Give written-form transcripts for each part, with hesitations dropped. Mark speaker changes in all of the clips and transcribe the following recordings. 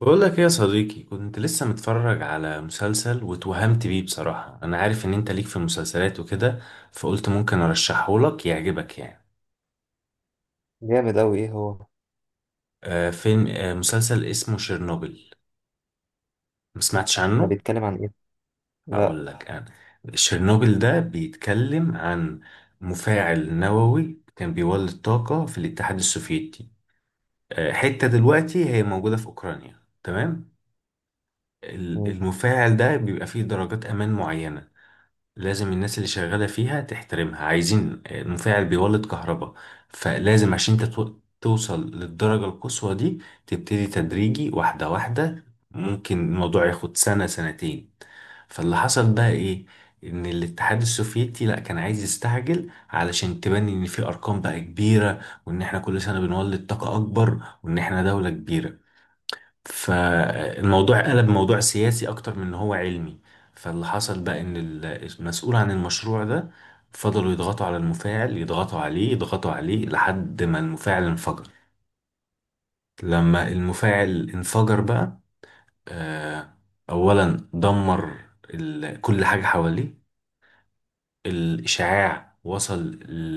Speaker 1: بقول لك ايه يا صديقي، كنت لسه متفرج على مسلسل واتوهمت بيه بصراحة. انا عارف ان انت ليك في المسلسلات وكده، فقلت ممكن ارشحه لك يعجبك يعني.
Speaker 2: جامد أوي. إيه هو
Speaker 1: آه فيلم آه مسلسل اسمه شيرنوبل. ما سمعتش
Speaker 2: ده؟
Speaker 1: عنه.
Speaker 2: بيتكلم عن إيه؟ لأ.
Speaker 1: هقول لك انا. شيرنوبل ده بيتكلم عن مفاعل نووي كان بيولد طاقة في الاتحاد السوفيتي. حتة دلوقتي هي موجودة في اوكرانيا، تمام.
Speaker 2: مم.
Speaker 1: المفاعل ده بيبقى فيه درجات امان معينة، لازم الناس اللي شغالة فيها تحترمها. عايزين مفاعل بيولد كهرباء، فلازم عشان انت توصل للدرجة القصوى دي، تبتدي تدريجي واحدة واحدة. ممكن الموضوع ياخد سنة سنتين. فاللي حصل بقى ايه؟ ان الاتحاد السوفيتي لا كان عايز يستعجل، علشان تبني ان في ارقام بقى كبيرة، وان احنا كل سنة بنولد طاقة اكبر، وان احنا دولة كبيرة. فالموضوع قلب موضوع سياسي اكتر من ان هو علمي. فاللي حصل بقى ان المسؤول عن المشروع ده فضلوا يضغطوا على المفاعل، يضغطوا عليه، يضغطوا عليه، لحد ما المفاعل انفجر. لما المفاعل انفجر بقى، آه، اولا دمر كل حاجة حواليه. الاشعاع وصل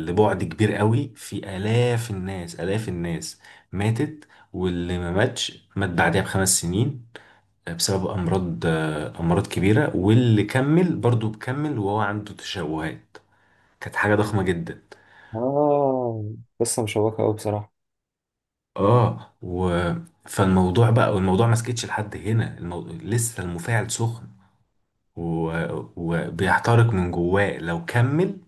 Speaker 1: لبعد كبير قوي، في الاف الناس الاف الناس ماتت، واللي ما ماتش مات بعدها بخمس سنين بسبب امراض، امراض كبيره. واللي كمل برضو بكمل وهو عنده تشوهات. كانت حاجه ضخمه جدا.
Speaker 2: آه، قصة مشوقة أوي بصراحة.
Speaker 1: اه و فالموضوع بقى، والموضوع ما سكتش لحد هنا. لسه المفاعل سخن و... وبيحترق من جواه، لو كمل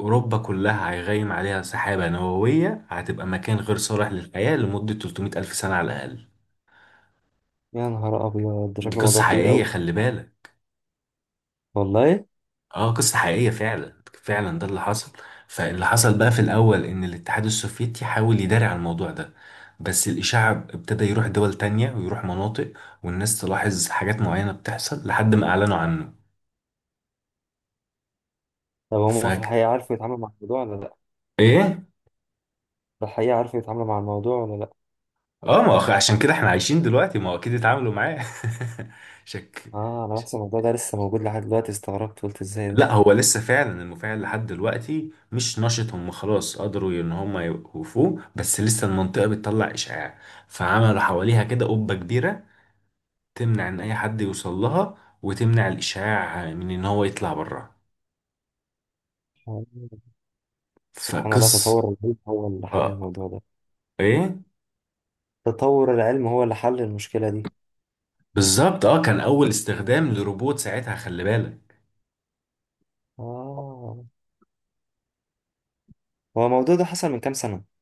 Speaker 1: اوروبا كلها هيغيم عليها سحابه نوويه، هتبقى مكان غير صالح للحياه لمده 300 الف سنه على الاقل.
Speaker 2: يا نهار أبيض، ده
Speaker 1: دي
Speaker 2: شكله موضوع
Speaker 1: قصه
Speaker 2: كبير
Speaker 1: حقيقيه،
Speaker 2: أوي.
Speaker 1: خلي بالك.
Speaker 2: والله؟
Speaker 1: اه، قصة حقيقية فعلا، فعلا ده اللي حصل. فاللي حصل بقى في الأول إن الاتحاد السوفيتي حاول يداري على الموضوع ده، بس الإشاعة ابتدى يروح دول تانية ويروح مناطق والناس تلاحظ حاجات معينة بتحصل لحد ما أعلنوا عنه.
Speaker 2: طب هما في
Speaker 1: فاك
Speaker 2: الحقيقة عارفوا يتعاملوا مع الموضوع ولا لأ؟
Speaker 1: إيه؟
Speaker 2: في الحقيقة عارفوا يتعاملوا مع الموضوع ولا لأ؟
Speaker 1: اه، ما هو عشان كده احنا عايشين دلوقتي، ما هو أكيد اتعاملوا معاه. شك.
Speaker 2: آه، أنا بحس الموضوع ده لسه موجود لحد دلوقتي. استغربت، قلت إزاي ده؟
Speaker 1: لا، هو لسه فعلا المفاعل لحد دلوقتي مش نشط، هم خلاص قدروا ان هم يوقفوه، بس لسه المنطقة بتطلع إشعاع. فعملوا حواليها كده قبة كبيرة تمنع ان اي حد يوصل لها وتمنع الاشاعة من ان هو يطلع بره.
Speaker 2: آه، سبحان الله،
Speaker 1: فقص
Speaker 2: تطور العلم هو اللي حل
Speaker 1: اه
Speaker 2: الموضوع ده.
Speaker 1: ايه
Speaker 2: تطور العلم هو اللي حل المشكلة دي.
Speaker 1: بالظبط. اه كان اول استخدام لروبوت ساعتها، خلي بالك.
Speaker 2: آه. هو الموضوع ده حصل من كام سنة؟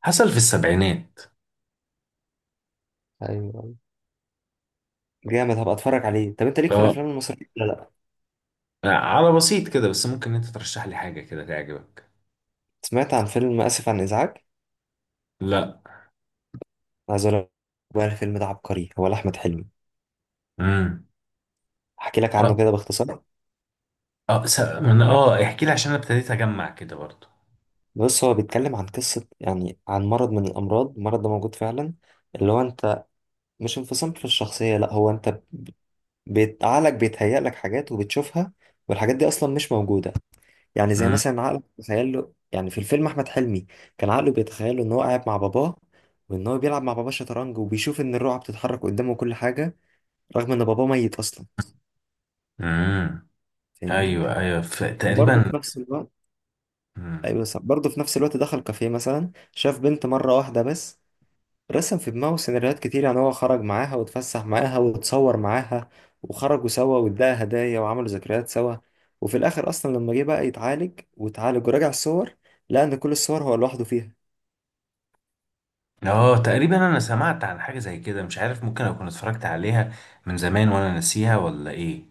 Speaker 1: حصل في السبعينات.
Speaker 2: أيوه، أيوه. جامد، هبقى أتفرج عليه. طب أنت ليك في
Speaker 1: اه
Speaker 2: الأفلام المصرية ولا لأ؟
Speaker 1: على بسيط كده، بس ممكن انت ترشح لي حاجة كده تعجبك.
Speaker 2: سمعت عن فيلم آسف عن إزعاج.
Speaker 1: لا.
Speaker 2: عايز أقول لك، بقى الفيلم ده عبقري، هو لأحمد حلمي.
Speaker 1: امم.
Speaker 2: أحكي لك عنه
Speaker 1: اه
Speaker 2: كده باختصار.
Speaker 1: اه س... من اه احكي لي، عشان انا ابتديت اجمع كده برضو.
Speaker 2: بص، هو بيتكلم عن قصة يعني، عن مرض من الأمراض. المرض ده موجود فعلا، اللي هو أنت، مش انفصام في الشخصية، لأ. هو أنت عقلك بيتهيأ لك حاجات وبتشوفها، والحاجات دي أصلا مش موجودة. يعني زي
Speaker 1: امم.
Speaker 2: مثلا عقلك بيتخيل له، يعني في الفيلم أحمد حلمي كان عقله بيتخيل له إن هو قاعد مع باباه، وإن هو بيلعب مع باباه شطرنج، وبيشوف إن الرقعة بتتحرك قدامه وكل حاجة، رغم إن باباه ميت أصلا.
Speaker 1: امم.
Speaker 2: فاهمني؟
Speaker 1: ايوه ايوه
Speaker 2: وبرضه
Speaker 1: تقريبا.
Speaker 2: في نفس الوقت،
Speaker 1: مم.
Speaker 2: ايوه صح، برضه في نفس الوقت دخل كافيه مثلا، شاف بنت مره واحده بس، رسم في دماغه سيناريوهات كتير، يعني هو خرج معاها واتفسح معاها واتصور معاها، وخرجوا سوا واداها هدايا وعملوا ذكريات سوا. وفي الاخر اصلا لما جه بقى يتعالج، واتعالج وراجع الصور، لقى ان كل الصور هو لوحده فيها.
Speaker 1: اه تقريبا انا سمعت عن حاجة زي كده، مش عارف ممكن اكون اتفرجت عليها من زمان وانا ناسيها ولا ايه.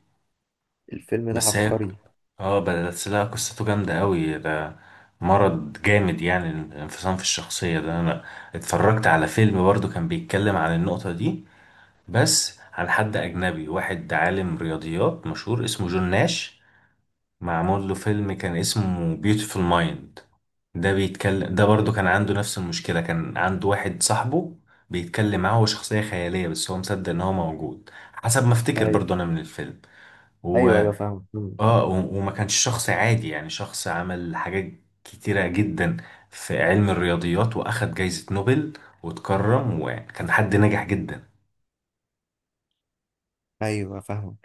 Speaker 2: الفيلم ده
Speaker 1: بس هي
Speaker 2: عبقري.
Speaker 1: اه بس لها قصته جامدة قوي ده. مرض جامد، يعني الانفصام في الشخصية ده. انا اتفرجت على فيلم برضو كان بيتكلم عن النقطة دي، بس عن حد اجنبي، واحد عالم رياضيات مشهور اسمه جون ناش. معمول له فيلم كان اسمه بيوتيفول مايند، ده بيتكلم ده برضو كان عنده نفس المشكلة، كان عنده واحد صاحبه بيتكلم معاه، هو شخصية خيالية بس هو مصدق ان هو موجود، حسب ما افتكر
Speaker 2: ايوه،
Speaker 1: برضو انا من الفيلم. و...
Speaker 2: ايوه، ايوه فاهم. مم.
Speaker 1: وما كانش شخص عادي، يعني شخص عمل حاجات كتيرة جدا في علم الرياضيات، واخد جايزة نوبل واتكرم، وكان حد ناجح جدا.
Speaker 2: ايوه فاهم.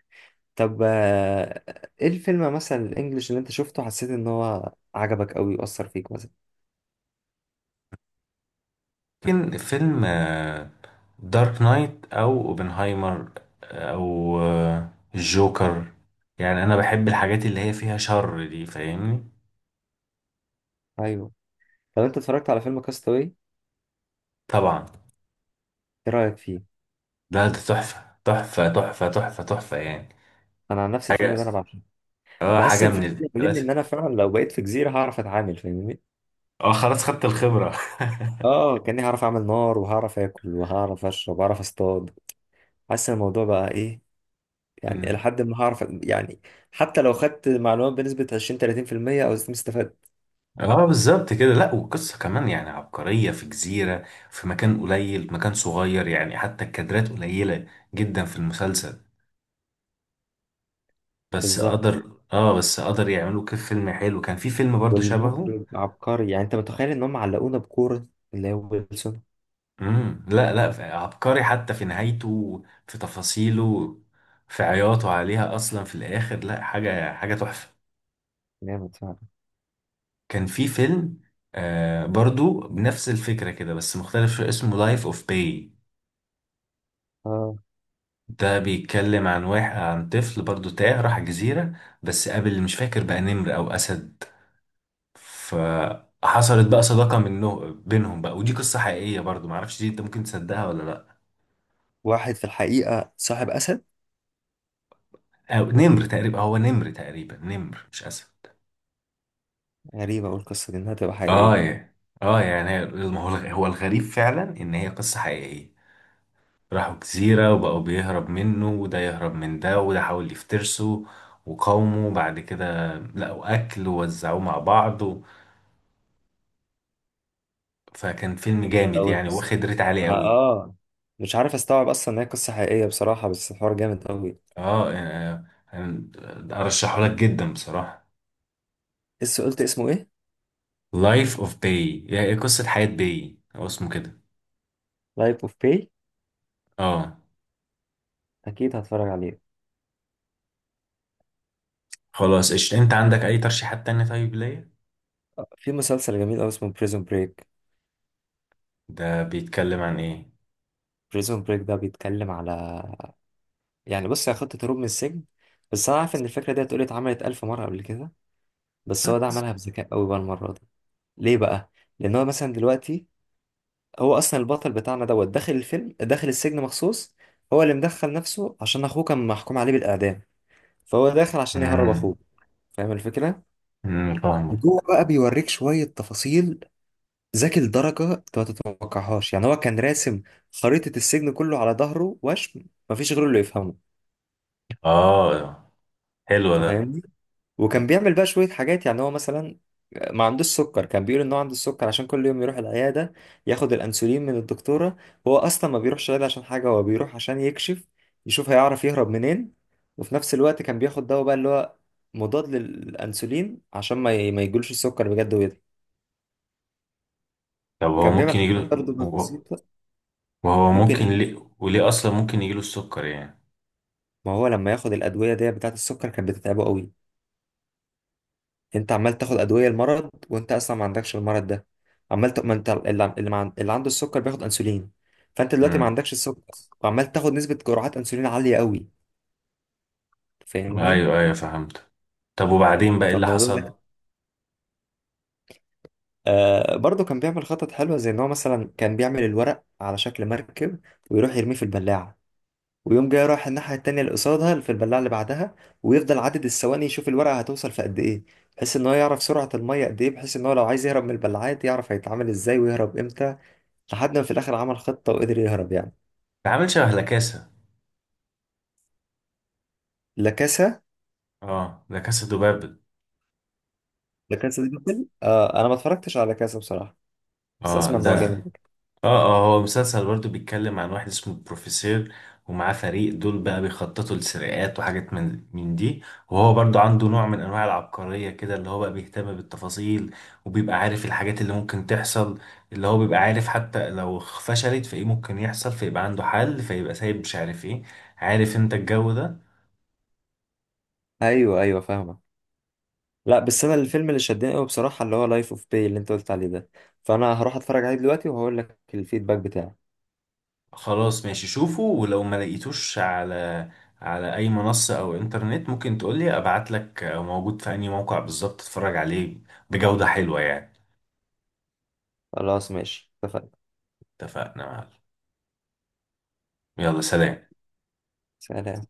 Speaker 2: طب آه، ايه الفيلم مثلا الانجليش اللي انت شفته حسيت ان هو عجبك قوي واثر فيك مثلا؟
Speaker 1: لكن فيلم دارك نايت او اوبنهايمر او الجوكر، يعني انا بحب الحاجات اللي هي فيها شر دي، فاهمني.
Speaker 2: ايوه. طب انت اتفرجت على فيلم كاستاوي؟
Speaker 1: طبعا.
Speaker 2: ايه رايك فيه؟
Speaker 1: لا، ده تحفة تحفة تحفة تحفة تحفة يعني.
Speaker 2: انا عن نفس الفيلم
Speaker 1: حاجة،
Speaker 2: ده، انا بعشقه.
Speaker 1: اه
Speaker 2: بحس
Speaker 1: حاجة
Speaker 2: ان
Speaker 1: من
Speaker 2: الفيلم ده بيعلمني ان
Speaker 1: الكلاسيك.
Speaker 2: انا فعلا لو بقيت في جزيره هعرف اتعامل. فاهمني؟
Speaker 1: اه خلاص، خدت الخبرة.
Speaker 2: اه، كاني هعرف اعمل نار، وهعرف اكل، وهعرف اشرب، وهعرف اصطاد. حاسس ان الموضوع بقى ايه، يعني
Speaker 1: مم.
Speaker 2: لحد ما هعرف، يعني حتى لو خدت معلومات بنسبه 20 30% او زي ما استفدت.
Speaker 1: اه بالظبط كده. لا والقصة كمان يعني عبقرية، في جزيرة، في مكان قليل، مكان صغير، يعني حتى الكادرات قليلة جدا في المسلسل،
Speaker 2: بالظبط.
Speaker 1: بس قدر يعملوا كيف فيلم حلو. كان في فيلم برضو شبهه.
Speaker 2: والمخرج عبقري، يعني انت متخيل ان هم علقونا بكوره، اللي هو ويلسون.
Speaker 1: امم. لا لا، عبقري حتى في نهايته، في تفاصيله، في عياطه عليها اصلا في الاخر، لا، حاجه، حاجه تحفه.
Speaker 2: جامد فعلا.
Speaker 1: كان في فيلم برضو بنفس الفكره كده، بس مختلف شويه، اسمه لايف اوف باي.
Speaker 2: اه،
Speaker 1: ده بيتكلم عن واحد، عن طفل برضو تاه راح جزيره، بس قابل مش فاكر بقى نمر او اسد، فحصلت بقى صداقه منه بينهم بقى، ودي قصه حقيقيه برضو، معرفش دي انت ممكن تصدقها ولا لا.
Speaker 2: واحد في الحقيقه صاحب اسد؟
Speaker 1: أو نمر تقريبا، هو نمر تقريبا، نمر مش اسد.
Speaker 2: غريبه، اقول القصه دي انها تبقى
Speaker 1: اه
Speaker 2: حقيقيه؟
Speaker 1: يا- اه يعني ما هو الغ- هو الغريب فعلا ان هي قصة حقيقية. راحوا جزيرة وبقوا بيهرب منه، وده يهرب من ده، وده حاول يفترسه وقاومه. بعد كده لقوا اكل ووزعوه مع بعض فكان فيلم جامد
Speaker 2: أول
Speaker 1: يعني،
Speaker 2: قصة،
Speaker 1: واخد ريت عالي قوي.
Speaker 2: آه، مش عارف أستوعب أصلا إن هي قصة حقيقية بصراحة، بس الحوار جامد أوي.
Speaker 1: اه آه، آه، ارشحه لك جدا بصراحة.
Speaker 2: لسه قلت اسمه إيه؟
Speaker 1: لايف اوف باي، يعني قصة حياة باي، هو اسمه كده.
Speaker 2: لايف أوف باي.
Speaker 1: اه،
Speaker 2: أكيد هتفرج عليه.
Speaker 1: خلاص قشطة. انت عندك اي ترشيحات تانية طيب ليا؟
Speaker 2: آه، في مسلسل جميل أوي اسمه بريزون بريك.
Speaker 1: ده بيتكلم عن ايه؟
Speaker 2: بريزون بريك ده بيتكلم على، يعني بص، هي خطة هروب من السجن. بس أنا عارف إن الفكرة دي اتقولت، اتعملت ألف مرة قبل كده، بس هو ده عملها بذكاء أوي بقى المرة دي. ليه بقى؟ لأن هو مثلا دلوقتي، هو أصلا البطل بتاعنا دوت داخل الفيلم، داخل السجن مخصوص، هو اللي مدخل نفسه عشان أخوه كان محكوم عليه بالإعدام، فهو داخل عشان يهرب
Speaker 1: مم.
Speaker 2: اخوه. فاهم الفكره؟
Speaker 1: امم، فاهمك.
Speaker 2: وجوه بقى بيوريك شويه تفاصيل، ذكي لدرجه انت ما تتوقعهاش. يعني هو كان راسم خريطه السجن كله على ظهره وشم، مفيش غيره اللي يفهمه.
Speaker 1: اه، حلو
Speaker 2: انت
Speaker 1: ده.
Speaker 2: فاهمني؟
Speaker 1: مم.
Speaker 2: وكان بيعمل بقى شوية حاجات، يعني هو مثلا ما عندوش سكر، كان بيقول ان هو عنده السكر عشان كل يوم يروح العيادة ياخد الأنسولين من الدكتورة. هو أصلا ما بيروحش العيادة عشان حاجة، هو بيروح عشان يكشف، يشوف هيعرف يهرب منين. وفي نفس الوقت كان بياخد دواء بقى اللي هو مضاد للأنسولين عشان ما يجيلوش السكر بجد ويضرب.
Speaker 1: طب هو
Speaker 2: كان بيعمل
Speaker 1: ممكن
Speaker 2: حاجات
Speaker 1: يجيله؟
Speaker 2: برضه
Speaker 1: هو-
Speaker 2: بسيطة.
Speaker 1: وهو
Speaker 2: ممكن
Speaker 1: ممكن
Speaker 2: ايه؟
Speaker 1: ليه، وليه اصلا ممكن يجيله السكر يعني.
Speaker 2: ما هو لما ياخد الأدوية دي بتاعة السكر، كانت بتتعبه قوي. انت عمال تاخد ادويه المرض وانت اصلا ما عندكش المرض ده. ما انت اللي عنده السكر بياخد انسولين، فانت دلوقتي ما
Speaker 1: امم.
Speaker 2: عندكش السكر، وعمال تاخد نسبه جرعات انسولين عاليه قوي. فاهمني؟
Speaker 1: ايوه ايوه، فهمت. طب وبعدين بقى ايه اللي
Speaker 2: فالموضوع ده،
Speaker 1: حصل؟
Speaker 2: آه، برضه كان بيعمل خطط حلوه، زي ان هو مثلا كان بيعمل الورق على شكل مركب، ويروح يرميه في البلاعه، ويوم جاي رايح الناحيه التانيه اللي قصادها في البلاعه اللي بعدها، ويفضل عدد الثواني يشوف الورقه هتوصل في قد ايه، بحيث ان هو يعرف سرعه الميه قد ايه، بحيث ان هو لو عايز يهرب من البلاعات يعرف هيتعامل ازاي ويهرب امتى، لحد ما في الاخر عمل خطه وقدر يهرب يعني.
Speaker 1: ده عامل شبه لاكاسا.
Speaker 2: لا كاسا.
Speaker 1: اه لاكاسا دوبابل.
Speaker 2: لا كاسا دي بابل. آه انا ما اتفرجتش على كاسا بصراحه، بس
Speaker 1: اه
Speaker 2: اسمع ان
Speaker 1: ده،
Speaker 2: هو جامد.
Speaker 1: اه هو مسلسل برضه بيتكلم عن واحد اسمه بروفيسور، ومعاه فريق دول بقى بيخططوا لسرقات وحاجات من دي. وهو برضه عنده نوع من انواع العبقرية كده، اللي هو بقى بيهتم بالتفاصيل وبيبقى عارف الحاجات اللي ممكن تحصل. اللي هو بيبقى عارف حتى لو فشلت، فايه ممكن يحصل، فيبقى عنده حل، فيبقى سايب مش عارف ايه. عارف انت الجو ده.
Speaker 2: ايوه، ايوه فاهمه. لا بس انا الفيلم اللي شدني قوي بصراحه اللي هو لايف اوف باي اللي انت قلت عليه ده، فانا هروح اتفرج عليه دلوقتي وهقول لك الفيدباك بتاعي.
Speaker 1: خلاص ماشي، شوفه. ولو ما لقيتوش على اي منصة او انترنت، ممكن تقولي ابعت لك موجود في اي موقع بالظبط تتفرج عليه بجودة حلوة يعني.
Speaker 2: خلاص ماشي، اتفقنا.
Speaker 1: اتفقنا يا معلم. يلا سلام.
Speaker 2: سلام.